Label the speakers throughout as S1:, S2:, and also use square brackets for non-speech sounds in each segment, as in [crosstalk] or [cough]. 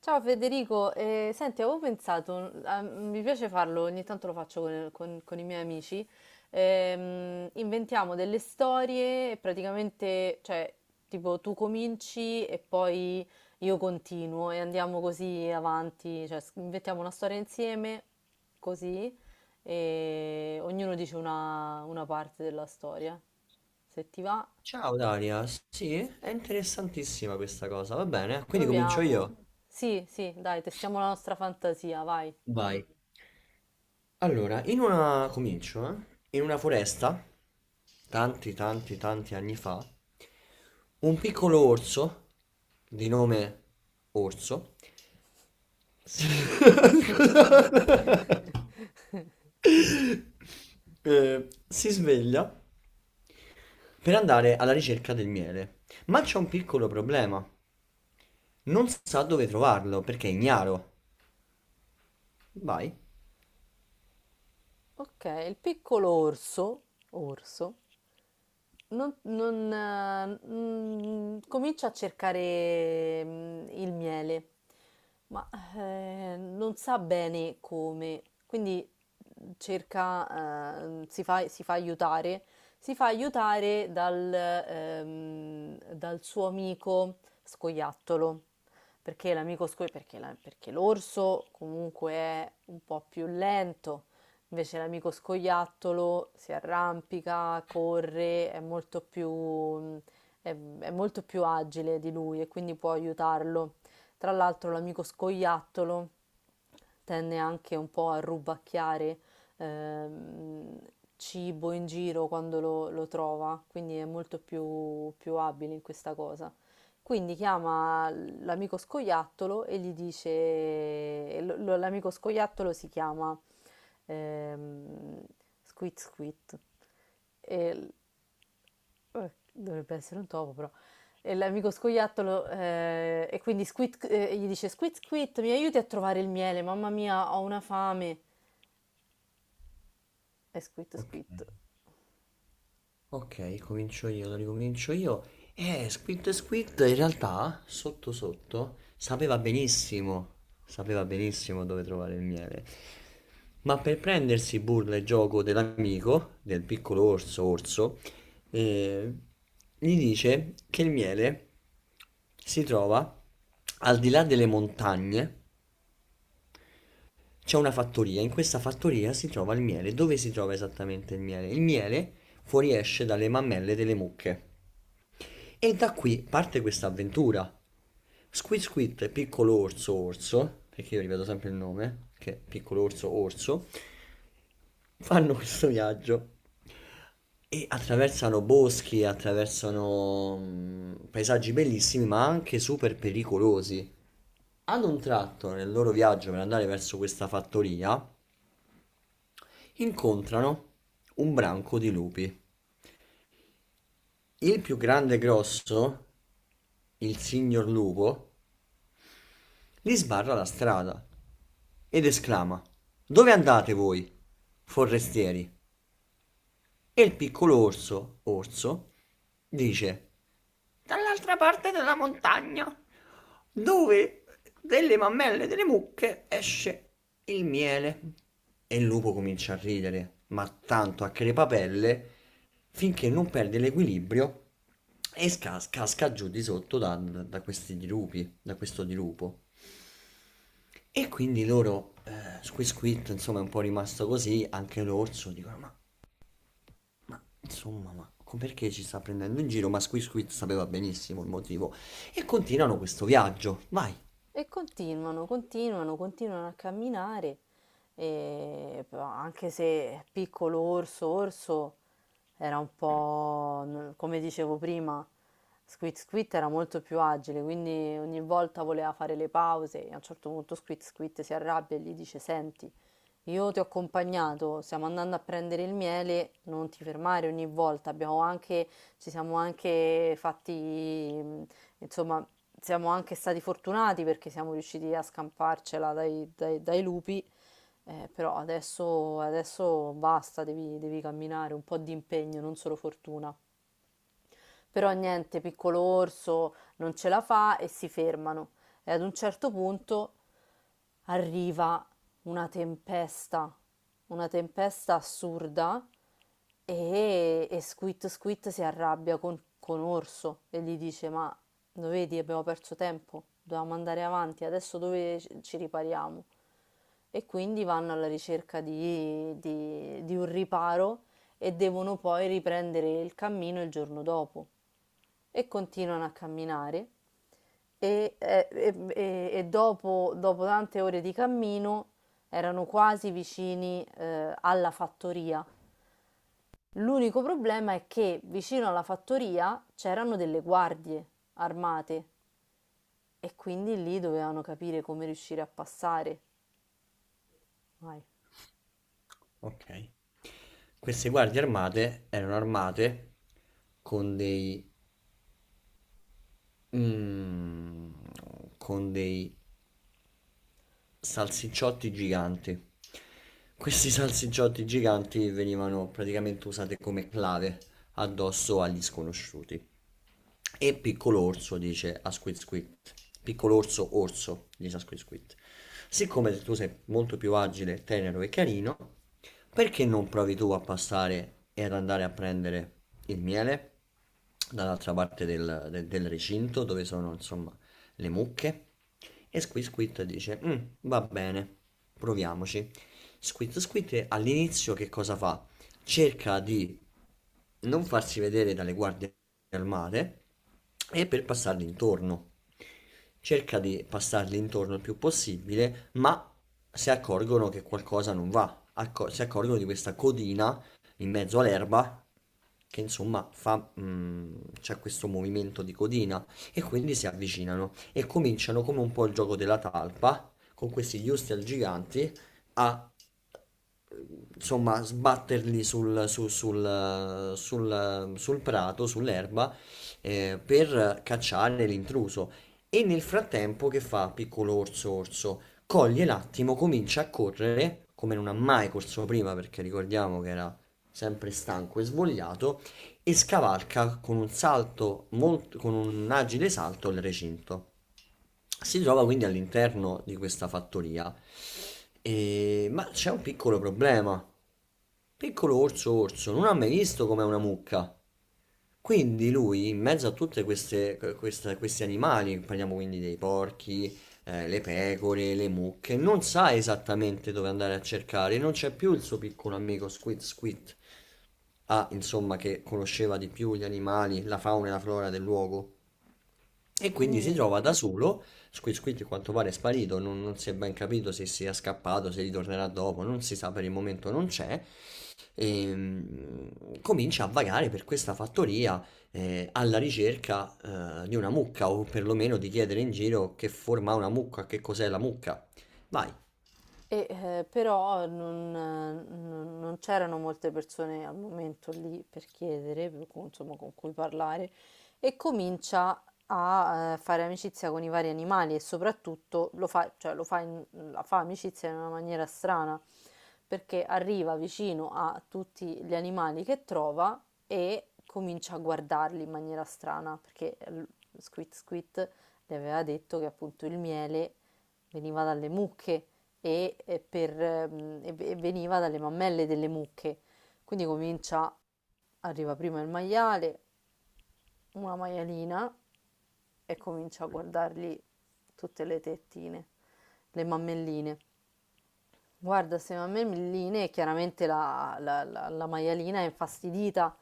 S1: Ciao Federico, senti, avevo pensato, mi piace farlo, ogni tanto lo faccio con i miei amici, inventiamo delle storie e praticamente, cioè, tipo tu cominci e poi io continuo e andiamo così avanti, cioè inventiamo una storia insieme, così, e ognuno dice una parte della storia. Se ti va,
S2: Ciao Daria, sì, è interessantissima questa cosa, va bene? Quindi comincio
S1: proviamo.
S2: io.
S1: Sì, sì, dai, testiamo la nostra fantasia, vai.
S2: Vai. Allora, in una... comincio, eh? In una foresta, tanti, tanti, tanti anni fa, un piccolo orso, di nome Orso, si, [laughs]
S1: [laughs]
S2: Scusa. Si sveglia per andare alla ricerca del miele, ma c'è un piccolo problema. Non sa dove trovarlo perché è ignaro. Vai.
S1: Ok, il piccolo orso, orso Non, non, mm, comincia a cercare il miele, ma non sa bene come, quindi cerca, eh, si fa, si fa aiutare, si fa aiutare dal suo amico scoiattolo, perché l'amico scoiattolo, perché, perché l'orso comunque è un po' più lento. Invece l'amico scoiattolo si arrampica, corre, è molto è, è molto più agile di lui e quindi può aiutarlo. Tra l'altro l'amico scoiattolo tende anche un po' a rubacchiare ehm, cibo in giro quando lo trova, quindi è molto più, più abile in questa cosa. Quindi chiama l'amico scoiattolo e gli dice, e l'amico scoiattolo si chiama ehm, Squid Squid. E l- Dovrebbe essere un topo, però. E l'amico scoiattolo, e quindi Squid, gli dice: Squid Squid, mi aiuti a trovare il miele, mamma mia, ho una fame. E Squid
S2: Ok,
S1: Squid
S2: ok, comincio io, lo ricomincio io. Squid Squid in realtà, sotto sotto, sapeva benissimo dove trovare il miele. Ma per prendersi burla e gioco dell'amico, del piccolo orso, orso, eh, gli dice che il miele si trova al di là delle montagne. C'è una fattoria, in questa fattoria si trova il miele. Dove si trova esattamente il miele? Il miele fuoriesce dalle mammelle delle mucche. E da qui parte questa avventura. Squid Squid, piccolo orso orso, perché io ripeto sempre il nome, che è piccolo orso orso, fanno questo viaggio e attraversano boschi, attraversano paesaggi bellissimi, ma anche super pericolosi. Ad un tratto, nel loro viaggio per andare verso questa fattoria, incontrano un branco di lupi. Il più grande e grosso, il signor lupo, gli sbarra la strada ed esclama: "Dove andate voi, forestieri?" E il piccolo orso, orso, dice: dall'altra parte della montagna, dove delle mammelle delle mucche esce il miele. E il lupo comincia a ridere, ma tanto, a crepapelle, finché non perde l'equilibrio e casca giù di sotto da, da questi dirupi, da questo dirupo. E quindi loro, Squisquit, insomma, è un po' rimasto così, anche l'orso, dicono, ma insomma, perché ci sta prendendo in giro? Ma Squid Squid sapeva benissimo il motivo. E continuano questo viaggio. Vai.
S1: e continuano, continuano, continuano a camminare, e però anche se piccolo orso, orso era un po', come dicevo prima, Squid Squid era molto più agile, quindi ogni volta voleva fare le pause e a un certo punto Squid Squid si arrabbia e gli dice, senti, io ti ho accompagnato, stiamo andando a prendere il miele, non ti fermare ogni volta, abbiamo anche, ci siamo anche insomma, siamo anche stati fortunati perché siamo riusciti a scamparcela dai lupi, però adesso basta, devi camminare, un po' di impegno, non solo fortuna. Però niente, piccolo orso non ce la fa e si fermano. E ad un certo punto arriva una tempesta, una tempesta assurda e Squid Squid si arrabbia con Orso e gli dice: Ma lo vedi, abbiamo perso tempo, dovevamo andare avanti, adesso dove ci ripariamo? E quindi vanno alla ricerca di un riparo e devono poi riprendere il cammino il giorno dopo e continuano a camminare e dopo, dopo tante ore di cammino erano quasi vicini alla fattoria. L'unico problema è che vicino alla fattoria c'erano delle guardie armate e quindi lì dovevano capire come riuscire a passare. Vai.
S2: Ok. Queste guardie armate erano armate con dei... mm, con dei salsicciotti giganti. Questi salsicciotti giganti venivano praticamente usati come clave addosso agli sconosciuti. E piccolo orso dice a Squid Squid. Piccolo orso orso dice a Squid Squid. Siccome tu sei molto più agile, tenero e carino, perché non provi tu a passare e ad andare a prendere il miele dall'altra parte del, del recinto dove sono, insomma, le mucche. E Squid Squid dice: "Mm, va bene, proviamoci." Squid Squid all'inizio che cosa fa? Cerca di non farsi vedere dalle guardie armate e per passargli intorno. Cerca di passargli intorno il più possibile, ma si accorgono che qualcosa non va. Si accorgono di questa codina in mezzo all'erba che insomma fa, mm, c'è questo movimento di codina e quindi si avvicinano e cominciano come un po' il gioco della talpa con questi Hustel giganti a, insomma, sbatterli sul, sul, sul prato, sull'erba, per cacciare l'intruso. E nel frattempo che fa piccolo orso orso? Coglie l'attimo, comincia a correre come non ha mai corso prima, perché ricordiamo che era sempre stanco e svogliato, e scavalca con un salto molto, con un agile salto, il recinto. Si trova quindi all'interno di questa fattoria. Ma c'è un piccolo problema. Piccolo orso orso non ha mai visto com'è una mucca. Quindi lui, in mezzo a tutti questi animali, parliamo quindi dei porchi, le pecore, le mucche, non sa esattamente dove andare a cercare, non c'è più il suo piccolo amico Squid Squid, ah, insomma, che conosceva di più gli animali, la fauna e la flora del luogo. E quindi si
S1: Quindi
S2: trova da solo. Squid Squid, a quanto pare, è sparito. Non si è ben capito se sia scappato, se ritornerà dopo. Non si sa per il momento, non c'è, e comincia a vagare per questa fattoria, alla ricerca, di una mucca, o perlomeno di chiedere in giro che forma ha una mucca, che cos'è la mucca. Vai.
S1: Però non c'erano molte persone al momento lì per chiedere, per cui, insomma, con cui parlare, e comincia a fare amicizia con i vari animali e soprattutto lo fa, cioè, lo fa la fa amicizia in una maniera strana, perché arriva vicino a tutti gli animali che trova e comincia a guardarli in maniera strana, perché Squit Squit le aveva detto che appunto il miele veniva dalle mucche e veniva dalle mammelle delle mucche. Quindi comincia, arriva prima il maiale, una maialina e comincia a guardargli tutte le tettine, le mammelline. Guarda, secondo me Milline, chiaramente la maialina è infastidita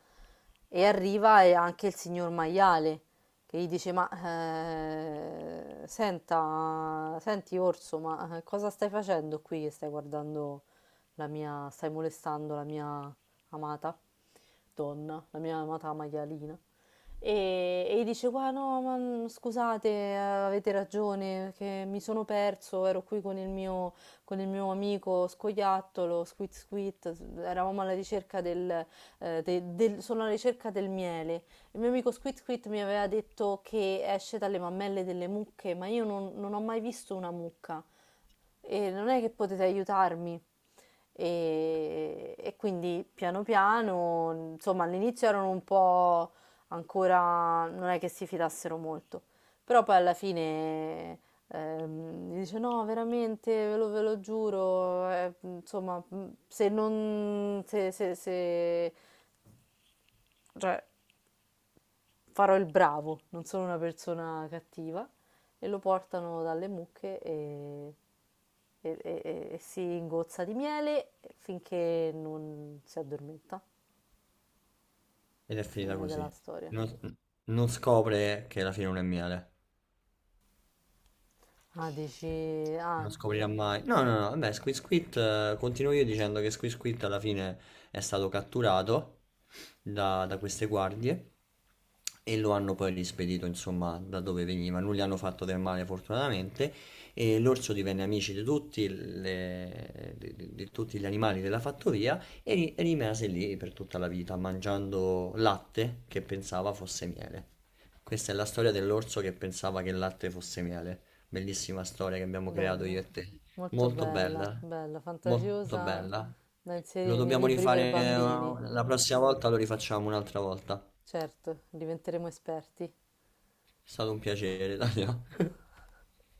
S1: e arriva e anche il signor maiale che gli dice: Ma senti Orso, ma cosa stai facendo qui che stai guardando la mia, stai molestando la mia amata donna, la mia amata maialina? E gli dice: Qua no, ma scusate, avete ragione, che mi sono perso, ero qui con il mio amico scoiattolo, Squit Squit, eravamo alla ricerca sono alla ricerca del miele. Il mio amico Squit Squit mi aveva detto che esce dalle mammelle delle mucche, ma io non ho mai visto una mucca e non è che potete aiutarmi. E quindi piano piano, insomma, all'inizio erano un po' ancora, non è che si fidassero molto, però poi alla fine mi dice no, veramente, ve lo giuro, insomma, se non, se, se- se- farò il bravo, non sono una persona cattiva, e lo portano dalle mucche e si ingozza di miele finché non si addormenta.
S2: Ed è finita
S1: Fine della
S2: così.
S1: storia.
S2: Non, non scopre che la fine non è miele.
S1: Ah, dici... Ah,
S2: Non scoprirà mai. No, no, no, vabbè, Squid, continuo io dicendo che Squid alla fine è stato catturato da, da queste guardie, e lo hanno poi rispedito, insomma, da dove veniva. Non gli hanno fatto del male, fortunatamente, e l'orso divenne amici di tutti, di, di tutti gli animali della fattoria, e rimase lì per tutta la vita, mangiando latte che pensava fosse miele. Questa è la storia dell'orso che pensava che il latte fosse miele. Bellissima storia che abbiamo creato
S1: bella,
S2: io e te.
S1: molto
S2: Molto
S1: bella,
S2: bella,
S1: bella,
S2: molto
S1: fantasiosa
S2: bella.
S1: da
S2: Lo
S1: inserire nei
S2: dobbiamo
S1: libri per
S2: rifare,
S1: bambini.
S2: la prossima volta, lo rifacciamo un'altra volta.
S1: Certo, diventeremo esperti.
S2: È stato un piacere, Dario. [laughs]